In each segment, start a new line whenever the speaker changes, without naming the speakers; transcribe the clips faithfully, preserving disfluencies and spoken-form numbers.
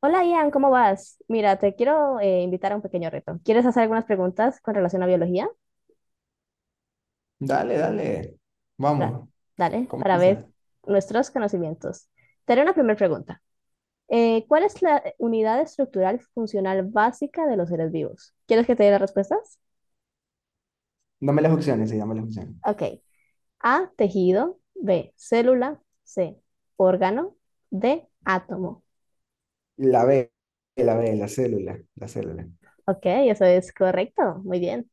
Hola Ian, ¿cómo vas? Mira, te quiero eh, invitar a un pequeño reto. ¿Quieres hacer algunas preguntas con relación a biología?
Dale, dale.
Da-
Vamos,
Dale, para ver
comienza.
nuestros conocimientos. Te haré una primera pregunta. Eh, ¿cuál es la unidad estructural funcional básica de los seres vivos? ¿Quieres que te dé las respuestas?
Dame las opciones, sí, dame las opciones.
Ok. A, tejido. B, célula. C, órgano. D, átomo.
La B, la B, la célula, la célula.
Ok, eso es correcto. Muy bien.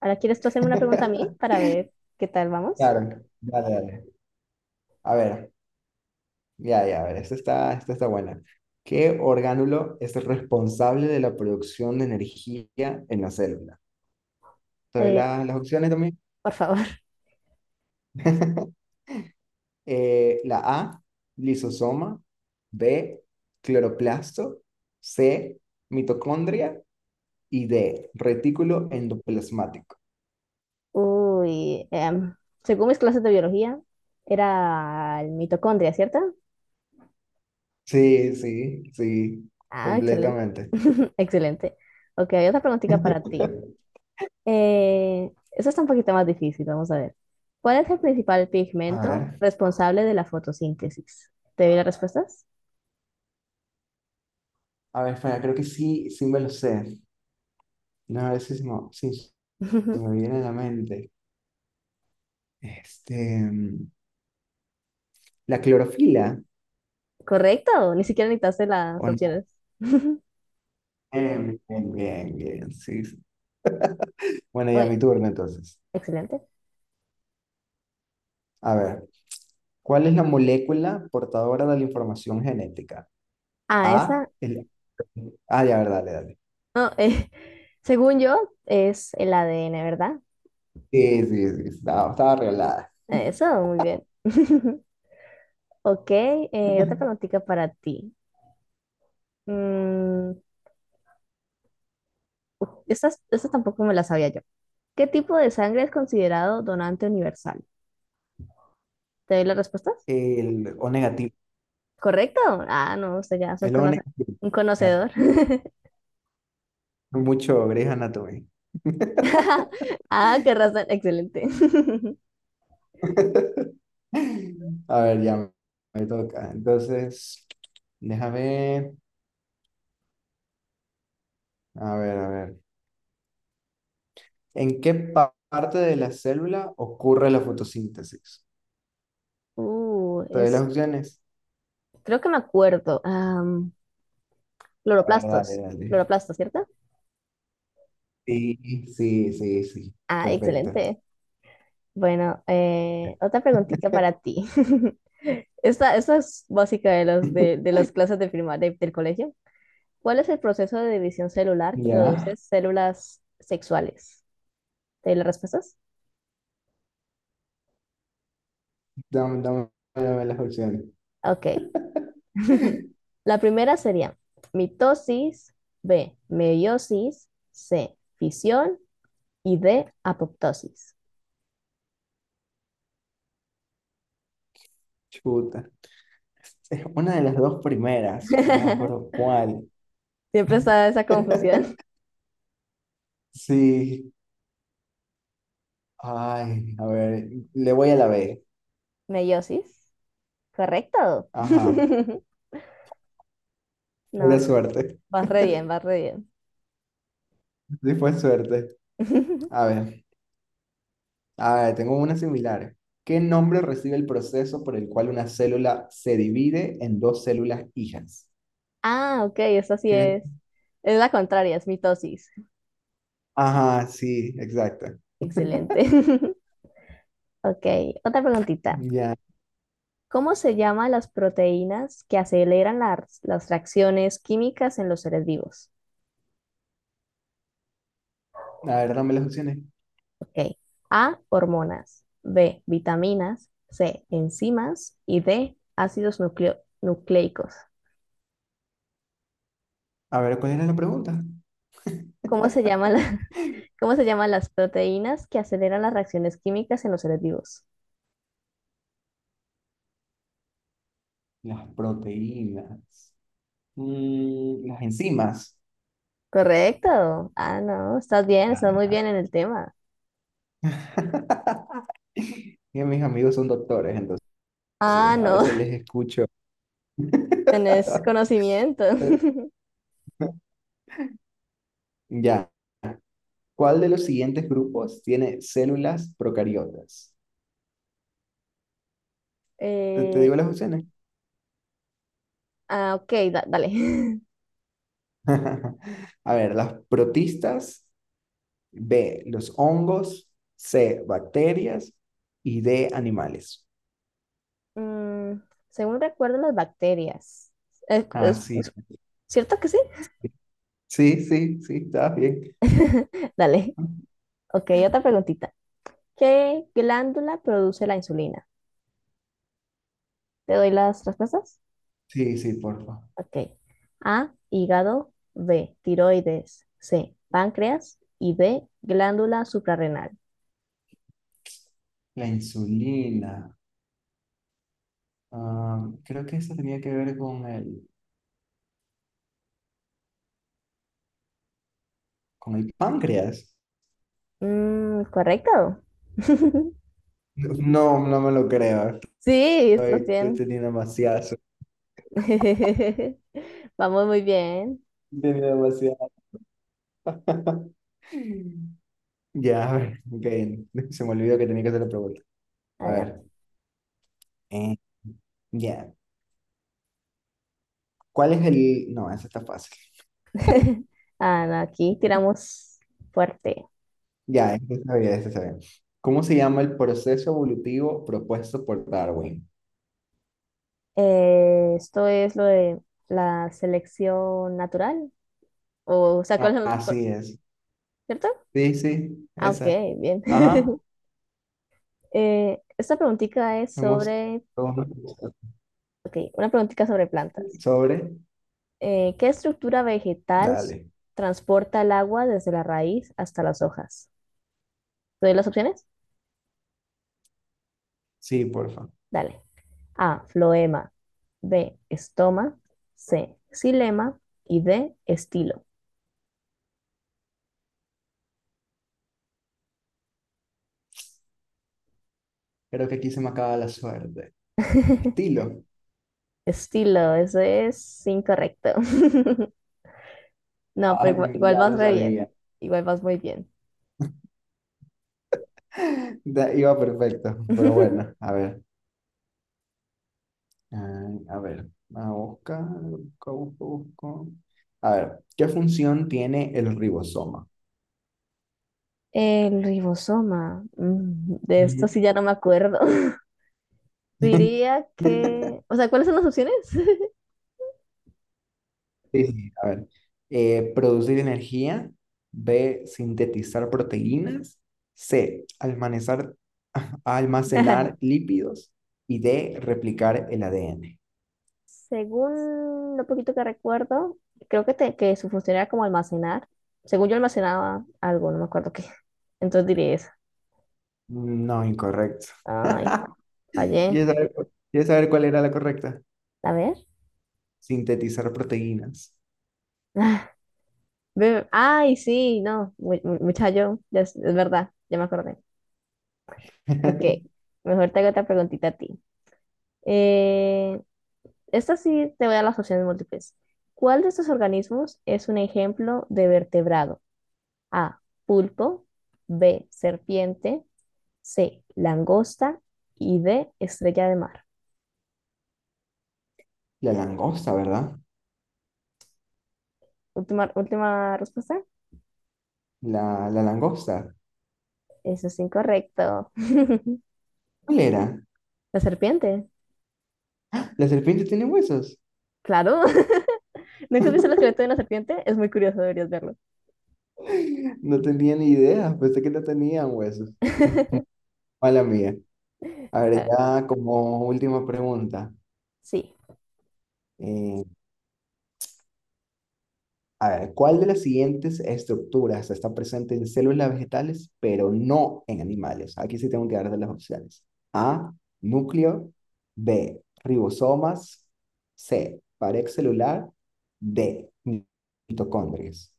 Ahora, ¿quieres tú hacerme una pregunta a mí para ver qué tal vamos?
Claro, dale, dale. A ver, ya, ya, a ver, esta está, esta está buena. ¿Qué orgánulo es responsable de la producción de energía en la célula? ¿Te doy
Eh,
la- las opciones también?
por favor.
Eh, la A, lisosoma, B, cloroplasto, C, mitocondria y D, retículo endoplasmático.
Uy, em, según mis clases de biología, era el mitocondria, ¿cierto?
Sí, sí, sí,
Ah, excelente.
completamente.
Excelente. Ok, hay otra preguntita para ti. Eh, eso está un poquito más difícil, vamos a ver. ¿Cuál es el principal
A
pigmento
ver,
responsable de la fotosíntesis? ¿Te doy las respuestas?
a ver, espera, creo que sí, sí me lo sé. No, a ver si se me, sí, se me viene a la mente. Este, mm, la clorofila.
Correcto, ni siquiera necesitaste las
¿O no?
opciones.
Bien, bien, bien, bien, sí, sí. Bueno, ya
Uy,
mi turno entonces.
excelente.
A ver, ¿cuál es la molécula portadora de la información genética?
Ah,
A,
esa,
el... Ah, ya, verdad, dale, dale.
no, eh, según yo, es el A D N, ¿verdad?
Sí, sí, sí, estaba, estaba arreglada.
Eso, muy bien. Ok, eh, otra preguntita para ti. Mm, estas, estas tampoco me las sabía yo. ¿Qué tipo de sangre es considerado donante universal? ¿Te doy las respuestas?
El O negativo,
¿Correcto? Ah, no, usted ya es un,
el O
conoce-
negativo.
un conocedor.
Mucho Grey's Anatomy.
Ah, qué razón, excelente.
A ver, ya me toca. Entonces, déjame, a ver, a ver. ¿En qué pa- parte de la célula ocurre la fotosíntesis?
Uh,
¿Te doy las
es,
opciones?
creo que me acuerdo. Am,
A ver, dale,
cloroplastos,
dale.
cloroplastos, ¿cierto?
Sí, sí, sí, sí.
Ah,
Perfecto.
excelente. Bueno, eh, otra preguntita para ti. Esta, esta es básica de, los, de, de las clases de prima- de- del colegio. ¿Cuál es el proceso de división celular que
Ya,
produce células sexuales? ¿Te doy las respuestas?
dame, dame, dame las opciones.
Ok. La primera sería mitosis, B, meiosis, C, fisión y D, apoptosis.
Chuta. Es una de las dos primeras, no me acuerdo cuál.
Siempre está esa confusión.
Sí, ay, a ver, le voy a la B.
Meiosis, correcto.
Ajá,
No,
pura
no,
suerte.
vas re bien, vas re bien.
Sí fue suerte. A ver, a ver, tengo una similar. ¿Qué nombre recibe el proceso por el cual una célula se divide en dos células hijas?
Ah, ok, eso sí
¿Quieres?
es. Es la contraria, es mitosis.
Ajá, sí, exacto.
Excelente. Ok, otra preguntita.
Ya.
¿Cómo se llaman las proteínas que aceleran las, las reacciones químicas en los seres vivos?
A ver, dame las opciones.
Ok. A, hormonas. B, vitaminas. C, enzimas. Y D, ácidos nucleo- nucleicos.
A ver, ¿cuál era la pregunta?
¿Cómo se llaman la- ¿Cómo se llaman las proteínas que aceleran las reacciones químicas en los seres vivos?
Las proteínas. Mm, las enzimas.
Correcto. Ah, no, estás bien, estás muy
Ah.
bien en el tema.
Y mis amigos son doctores, entonces
Ah,
a
no,
veces les escucho.
tenés conocimiento.
Ya. ¿Cuál de los siguientes grupos tiene células procariotas? ¿Te, te
Eh,
digo las opciones?
ah, ok, da- dale.
A ver, las protistas, B, los hongos, C, bacterias y D, animales.
Mm, según recuerdo, las bacterias. Eh,
Ah,
es-
sí.
es- ¿Cierto que sí?
Sí, sí, sí, está bien.
Dale. Ok, otra preguntita. ¿Qué glándula produce la insulina? ¿Te doy las respuestas?
Sí, sí, porfa.
Ok. A, hígado, B, tiroides, C, páncreas y D, glándula suprarrenal.
La insulina. Ah, creo que eso tenía que ver con el, con el páncreas.
Mm, ¿correcto?
No, no me lo creo.
Sí, estás
Estoy, estoy
bien.
teniendo demasiadas.
Vamos muy bien.
Tiene demasiado. Ya, a ver, ok. Se me olvidó que tenía que hacer la pregunta. A
Adelante.
ver, eh, ya. ¿Cuál es el...? No, esa está fácil.
Ah, no, aquí tiramos fuerte.
Ya, esa sabía bien, esa está. ¿Cómo se llama el proceso evolutivo propuesto por Darwin?
Eh, esto es lo de la selección natural. O, o sea, ¿cuál
Ah,
es el- cuál-
así es.
¿cierto?
Sí, sí,
Ah, ok,
esa.
bien.
Ajá.
Eh, esta preguntita es
Hemos...
sobre, ok, una preguntita sobre plantas.
Sobre.
Eh, ¿qué estructura vegetal s-
Dale.
¿transporta el agua desde la raíz hasta las hojas? ¿Te doy las opciones?
Sí, porfa.
Dale. A. Floema. B. Estoma. C. Xilema. Y D. Estilo.
Creo que aquí se me acaba la suerte. Estilo.
Estilo, eso es incorrecto. No, pero igual,
Ay,
igual
ya
vas
lo
re bien.
sabía.
Igual vas muy bien.
Da- iba perfecto, pero bueno, a ver. Ah, a ver, a buscar, busco, busco, busco. A ver, ¿qué función tiene el ribosoma?
El ribosoma. Mm, de esto
Ujú.
sí ya no me acuerdo. Diría que... O sea, ¿cuáles son las opciones?
Sí, sí, a ver. Eh, producir energía. B, sintetizar proteínas. C, almacenar, almacenar lípidos. Y D, replicar el A D N.
Según lo poquito que recuerdo, creo que, te- que su función era como almacenar. Según yo almacenaba algo, no me acuerdo qué. Entonces diría eso.
No, incorrecto.
Ay,
¿Quieres
fallé.
saber, cu- quieres saber cuál era la correcta?
A ver.
Sintetizar proteínas.
Ah, ve- ay, sí, no, mu- mu- muchacho, ya es, es verdad, ya me acordé. Ok, mejor te hago otra preguntita a ti. Eh, esta sí te voy a dar las opciones múltiples. ¿Cuál de estos organismos es un ejemplo de vertebrado? A, pulpo, B, serpiente. C, langosta y D, estrella de mar.
La langosta, ¿verdad?
Última, última respuesta.
La, la langosta.
Eso es incorrecto.
¿Cuál era?
La serpiente.
¿La serpiente tiene huesos?
Claro. ¿Nunca has visto el esqueleto de una serpiente? Es muy curioso, deberías verlo.
No tenía ni idea, pensé que no tenían huesos. Mala mía. A ver,
Ah,
ya como última pregunta.
sí,
eh, a ver, ¿cuál de las siguientes estructuras está presente en células vegetales, pero no en animales? Aquí sí tengo que dar de las opciones. A, núcleo. B, ribosomas. C, pared celular. D, mitocondrias.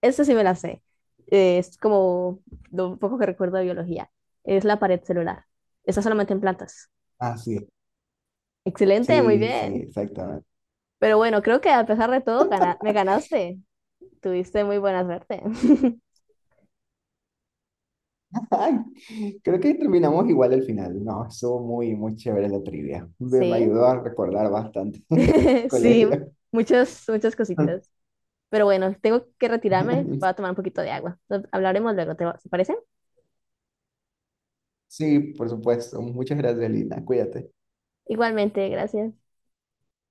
eso sí me la sé. Eh, Es como lo poco que recuerdo de biología. Es la pared celular. Está solamente en plantas.
Ah, sí.
Excelente, muy
Sí, sí,
bien.
exactamente.
Pero bueno, creo que a pesar de todo, gana- me ganaste. Tuviste muy buena suerte.
Ay, creo que terminamos igual al final. No, estuvo muy, muy chévere la trivia. Me, me
Sí,
ayudó a recordar bastante el
sí,
colegio.
muchas, muchas cositas. Pero bueno, tengo que retirarme. Voy a tomar un poquito de agua. Nos- Hablaremos luego, ¿te va- ¿te parece?
Sí, por supuesto. Muchas gracias, Lina. Cuídate.
Igualmente, gracias.